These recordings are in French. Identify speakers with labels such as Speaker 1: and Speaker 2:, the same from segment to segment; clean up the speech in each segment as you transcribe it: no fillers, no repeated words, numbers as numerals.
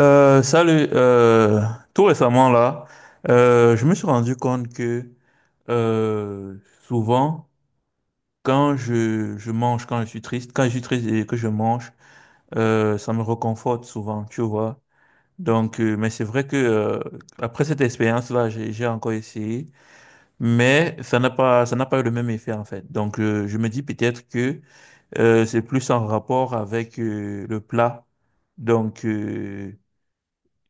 Speaker 1: Salut, tout récemment là, je me suis rendu compte que euh, souvent, quand je mange, quand je suis triste, quand je suis triste et que je mange, ça me réconforte souvent, tu vois. Donc, mais c'est vrai que après cette expérience-là, j'ai encore essayé, mais ça n'a pas eu le même effet en fait. Donc, je me dis peut-être que c'est plus en rapport avec le plat. Donc, euh,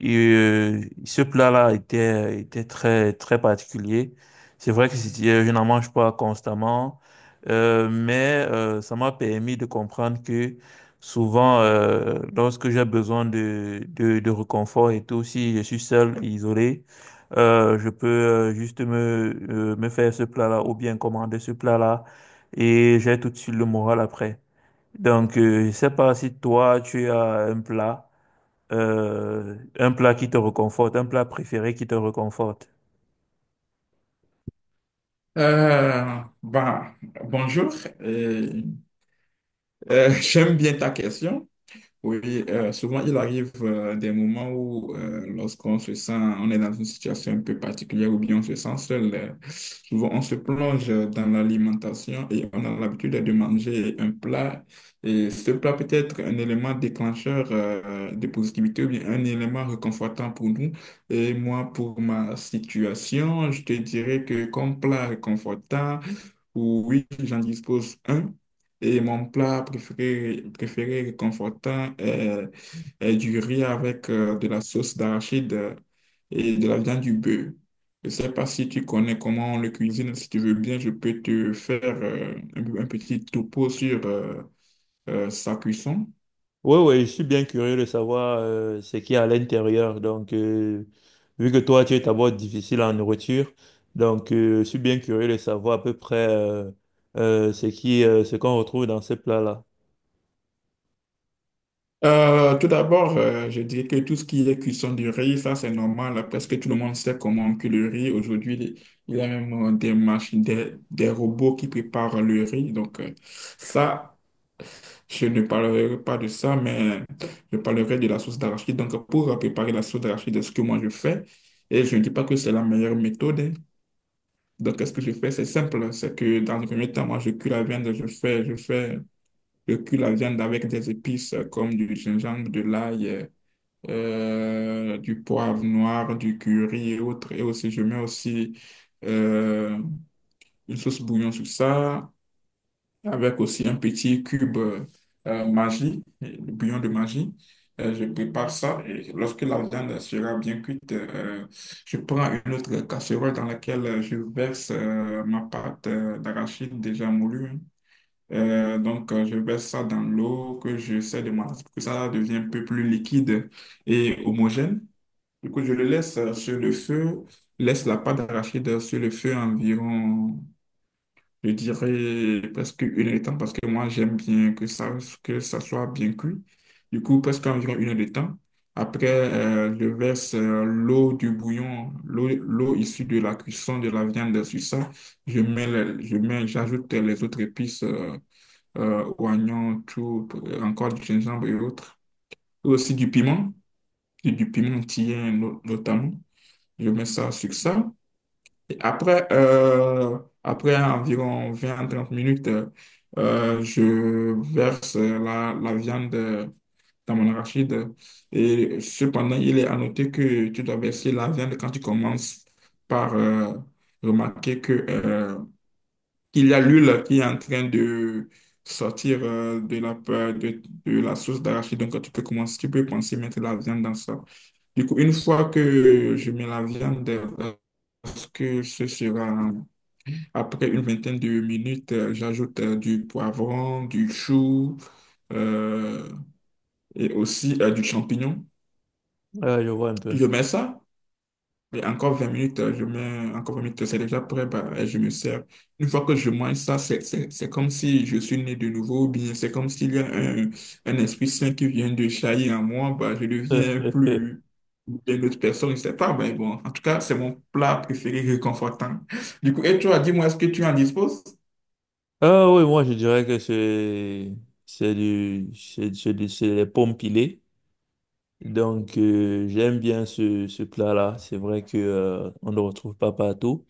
Speaker 1: Et ce plat-là était très, très particulier. C'est vrai que je n'en mange pas constamment, mais ça m'a permis de comprendre que souvent, lorsque j'ai besoin de réconfort et tout, si je suis seul, isolé, je peux juste me faire ce plat-là ou bien commander ce plat-là, et j'ai tout de suite le moral après. Donc, je sais pas si toi, tu as un plat qui te reconforte, un plat préféré qui te reconforte.
Speaker 2: Euh, bah, bonjour. Euh, J'aime bien ta question. Oui, souvent il arrive des moments où lorsqu'on se sent, on est dans une situation un peu particulière ou bien on se sent seul, souvent on se plonge dans l'alimentation et on a l'habitude de manger un plat. Et ce plat peut être un élément déclencheur de positivité ou bien un élément réconfortant pour nous. Et moi, pour ma situation, je te dirais que comme plat réconfortant, oui, j'en dispose un. Et mon plat préféré, préféré réconfortant est, est du riz avec de la sauce d'arachide et de la viande du bœuf. Je ne sais pas si tu connais comment on le cuisine. Si tu veux bien, je peux te faire un petit topo sur sa cuisson.
Speaker 1: Oui, oui, je suis bien curieux de savoir ce qu'il y a à l'intérieur. Donc, vu que toi, tu es d'abord difficile en nourriture, donc je suis bien curieux de savoir à peu près ce ce qu'on retrouve dans ces plats-là.
Speaker 2: Tout d'abord, je dirais que tout ce qui est cuisson du riz, ça c'est normal. Presque tout le monde sait comment on cuit le riz. Aujourd'hui, il y a même des machines, des robots qui préparent le riz. Ça, je ne parlerai pas de ça, mais je parlerai de la sauce d'arachide. Donc, pour préparer la sauce d'arachide, c'est ce que moi je fais, et je ne dis pas que c'est la meilleure méthode, hein. Donc, qu'est-ce que je fais? C'est simple. C'est que dans le premier temps, moi, je cuis la viande, je cuis la viande avec des épices comme du gingembre, de l'ail, du poivre noir, du curry et autres. Et aussi, je mets aussi euh, une sauce bouillon sur ça, avec aussi un petit cube magie, le bouillon de magie. Je prépare ça et lorsque la viande sera bien cuite, je prends une autre casserole dans laquelle je verse ma pâte d'arachide déjà moulue, hein. Je verse ça dans l'eau que j'essaie de malaxer pour que ça devienne un peu plus liquide et homogène. Du coup, je le laisse sur le feu, laisse la pâte d'arachide sur le feu environ, je dirais, presque une heure de temps, parce que moi, j'aime bien que ça soit bien cuit. Du coup, presque environ une heure de temps. Après, je verse l'eau du bouillon, l'eau issue de la cuisson de la viande sur ça. Je mets, le- je mets, j'ajoute les autres épices, oignons, tout, encore du gingembre et autres. Et aussi du piment, et du piment tien no- notamment. Je mets ça sur ça. Et après, après environ 20 trente minutes, je verse la viande dans mon arachide. Et cependant, il est à noter que tu dois verser la viande quand tu commences par remarquer que, qu'il y a l'huile qui est en train de sortir de la, de la sauce d'arachide. Donc, tu peux commencer, tu peux penser mettre la viande dans ça. Du coup, une fois que je mets la viande pense que ce sera après une vingtaine de minutes, j'ajoute du poivron, du chou euh, et aussi du champignon.
Speaker 1: Ah, je vois un peu.
Speaker 2: Je mets ça et encore 20 minutes, je mets encore vingt minutes, c'est déjà prêt, bah, et je me sers. Une fois que je mange ça, c'est comme si je suis né de nouveau, ou bien c'est comme s'il y a un esprit saint qui vient de jaillir en moi, bah, je deviens plus. Une autre personne, je sais pas, mais bon, en tout cas, c'est mon plat préféré réconfortant. Du coup, et toi, dis-moi, est-ce que tu en disposes?
Speaker 1: Ah oui, moi, je dirais que c'est des pommes pilées. Donc, j'aime bien ce plat-là. C'est vrai que on ne le retrouve pas partout.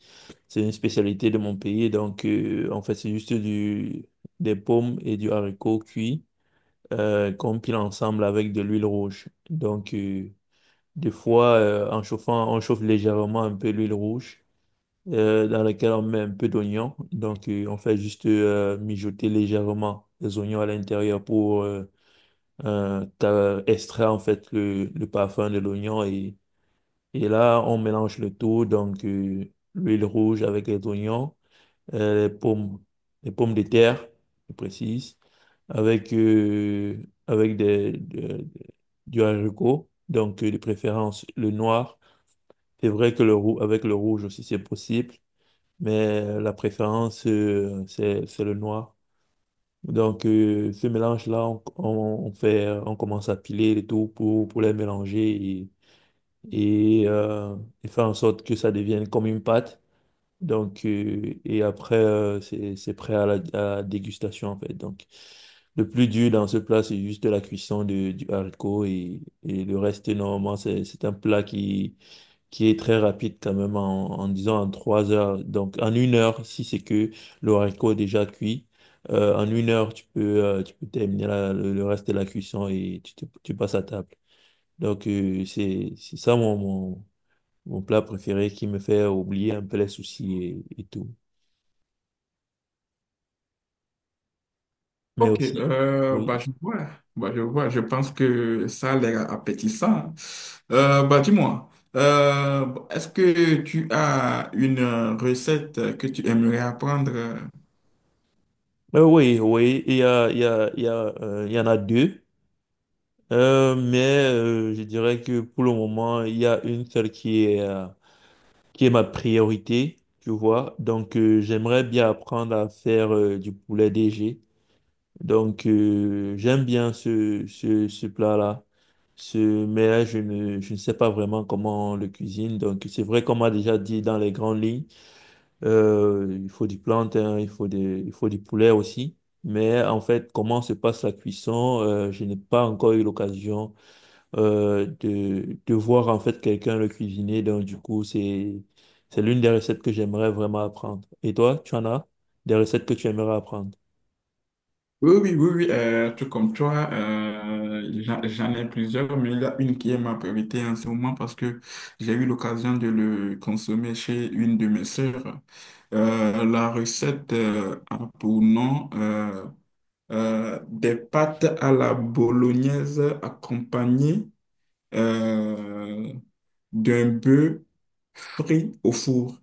Speaker 1: C'est une spécialité de mon pays. Donc, en fait, c'est juste des pommes et du haricot cuit qu'on pile ensemble avec de l'huile rouge. Donc, des fois, en chauffant, on chauffe légèrement un peu l'huile rouge dans laquelle on met un peu d'oignon. Donc, on fait juste mijoter légèrement les oignons à l'intérieur pour extraire en fait le parfum de l'oignon, et là, on mélange le tout, donc l'huile rouge avec les oignons, euh, les pommes, les pommes de terre, je précise, avec, euh, avec du haricot, donc de préférence le noir. C'est vrai que le roux, avec le rouge aussi, c'est possible, mais la préférence, c'est le noir. Donc, ce mélange-là, on on commence à piler le tout pour les mélanger et et faire en sorte que ça devienne comme une pâte. Donc, et après, c'est prêt à à la dégustation, en fait. Donc, le plus dur dans ce plat, c'est juste du haricot, et le reste, normalement, c'est un plat qui est très rapide quand même en, en disant en trois heures. Donc, en une heure, si c'est que le haricot est déjà cuit, en une heure, tu peux terminer le reste de la cuisson et tu passes à table. Donc, c'est ça mon plat préféré qui me fait oublier un peu les soucis et tout. Mais
Speaker 2: Ok,
Speaker 1: aussi, oui.
Speaker 2: bah, je vois, je pense que ça a l'air appétissant. Bah, dis-moi, est-ce que tu as une recette que tu aimerais apprendre?
Speaker 1: Oui, oui, il y a, il y en a deux. Mais je dirais que pour le moment, il y a une seule qui est ma priorité, tu vois. Donc, j'aimerais bien apprendre à faire du poulet DG. Donc, j'aime bien ce plat-là. Ce, mais je ne sais pas vraiment comment on le cuisine. Donc, c'est vrai qu'on m'a déjà dit dans les grandes lignes. Il faut du plantain, il faut du poulet aussi. Mais en fait, comment se passe la cuisson, je n'ai pas encore eu l'occasion de voir en fait quelqu'un le cuisiner. Donc du coup, c'est l'une des recettes que j'aimerais vraiment apprendre. Et toi, tu en as des recettes que tu aimerais apprendre?
Speaker 2: Oui, oui, tout comme toi, j'en ai plusieurs, mais il y a une qui est ma priorité en ce moment parce que j'ai eu l'occasion de le consommer chez une de mes sœurs. La recette a pour nom des pâtes à la bolognaise accompagnées euh, d'un bœuf frit au four.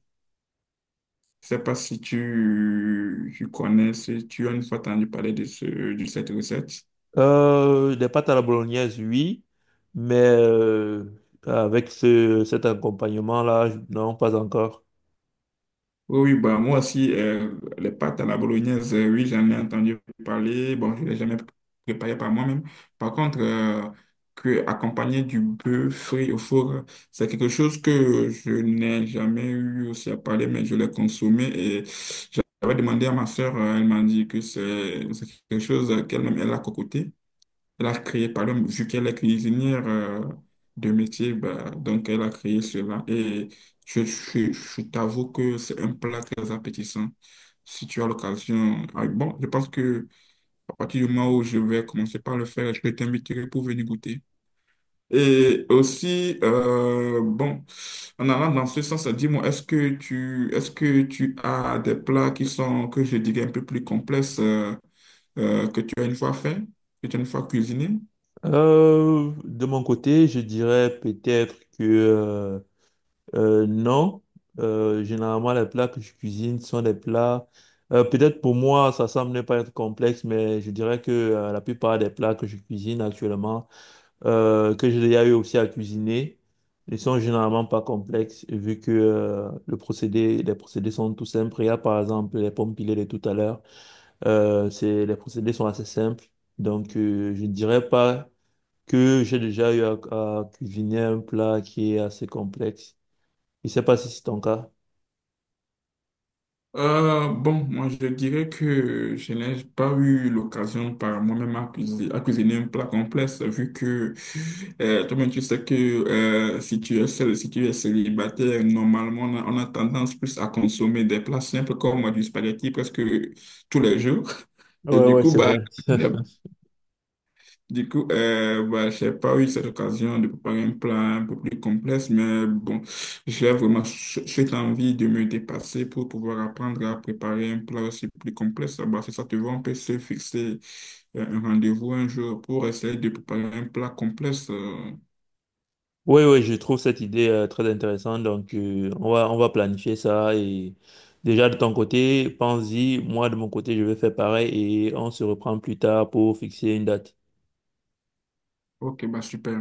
Speaker 2: Je sais pas si tu connais, si tu as une fois entendu parler de cette recette.
Speaker 1: Des pâtes à la bolognaise, oui, mais avec cet accompagnement-là, non, pas encore.
Speaker 2: Oui, oui, bah, moi aussi, les pâtes à la bolognaise, oui, j'en ai entendu parler. Bon, je ne l'ai jamais préparé par moi-même. Par contre, que accompagner du bœuf frit au four, c'est quelque chose que je n'ai jamais eu aussi à parler, mais je l'ai consommé et j'avais demandé à ma soeur, elle m'a dit que c'est quelque chose qu'elle-même, elle a cocoté. Elle a créé, par exemple, vu qu'elle est cuisinière de métier, bah, donc elle a créé cela. Et je t'avoue que c'est un plat très appétissant. Si tu as l'occasion, ah, bon, je pense que à partir du moment où je vais commencer par le faire, je vais t'inviter pour venir goûter. Et aussi, bon, en allant dans ce sens, dis-moi, est-ce que est-ce que tu as des plats qui sont, que je dirais, un peu plus complexes, que tu as une fois fait, que tu as une fois cuisiné?
Speaker 1: De mon côté, je dirais peut-être que non. Généralement, les plats que je cuisine sont des plats. Peut-être pour moi, ça semble ne pas être complexe, mais je dirais que la plupart des plats que je cuisine actuellement, que j'ai déjà eu aussi à cuisiner, ne sont généralement pas complexes vu que le procédé, les procédés sont tout simples. Il y a par exemple les pommes pilées de tout à l'heure. C'est, les procédés sont assez simples. Donc, je ne dirais pas que j'ai déjà eu à cuisiner un plat qui est assez complexe. Je ne sais pas si c'est ton cas.
Speaker 2: Bon, moi je dirais que je n'ai pas eu l'occasion par moi-même à cuisiner un plat complexe, vu que toi-même tu sais que si tu es seul, si tu es célibataire, normalement on a tendance plus à consommer des plats simples comme du spaghetti presque tous les jours. Et
Speaker 1: Ouais,
Speaker 2: du
Speaker 1: ouais,
Speaker 2: coup,
Speaker 1: c'est
Speaker 2: bah,
Speaker 1: vrai.
Speaker 2: du coup, bah, j'ai pas eu cette occasion de préparer un plat un peu plus complexe, mais bon, j'ai vraiment cette envie de me dépasser pour pouvoir apprendre à préparer un plat aussi plus complexe. Bah, si ça te va, on peut se fixer un rendez-vous un jour pour essayer de préparer un plat complexe.
Speaker 1: Oui, oui, je trouve cette idée très intéressante. Donc, on va planifier ça. Et déjà, de ton côté, pense-y. Moi, de mon côté, je vais faire pareil et on se reprend plus tard pour fixer une date.
Speaker 2: Ok, bah super.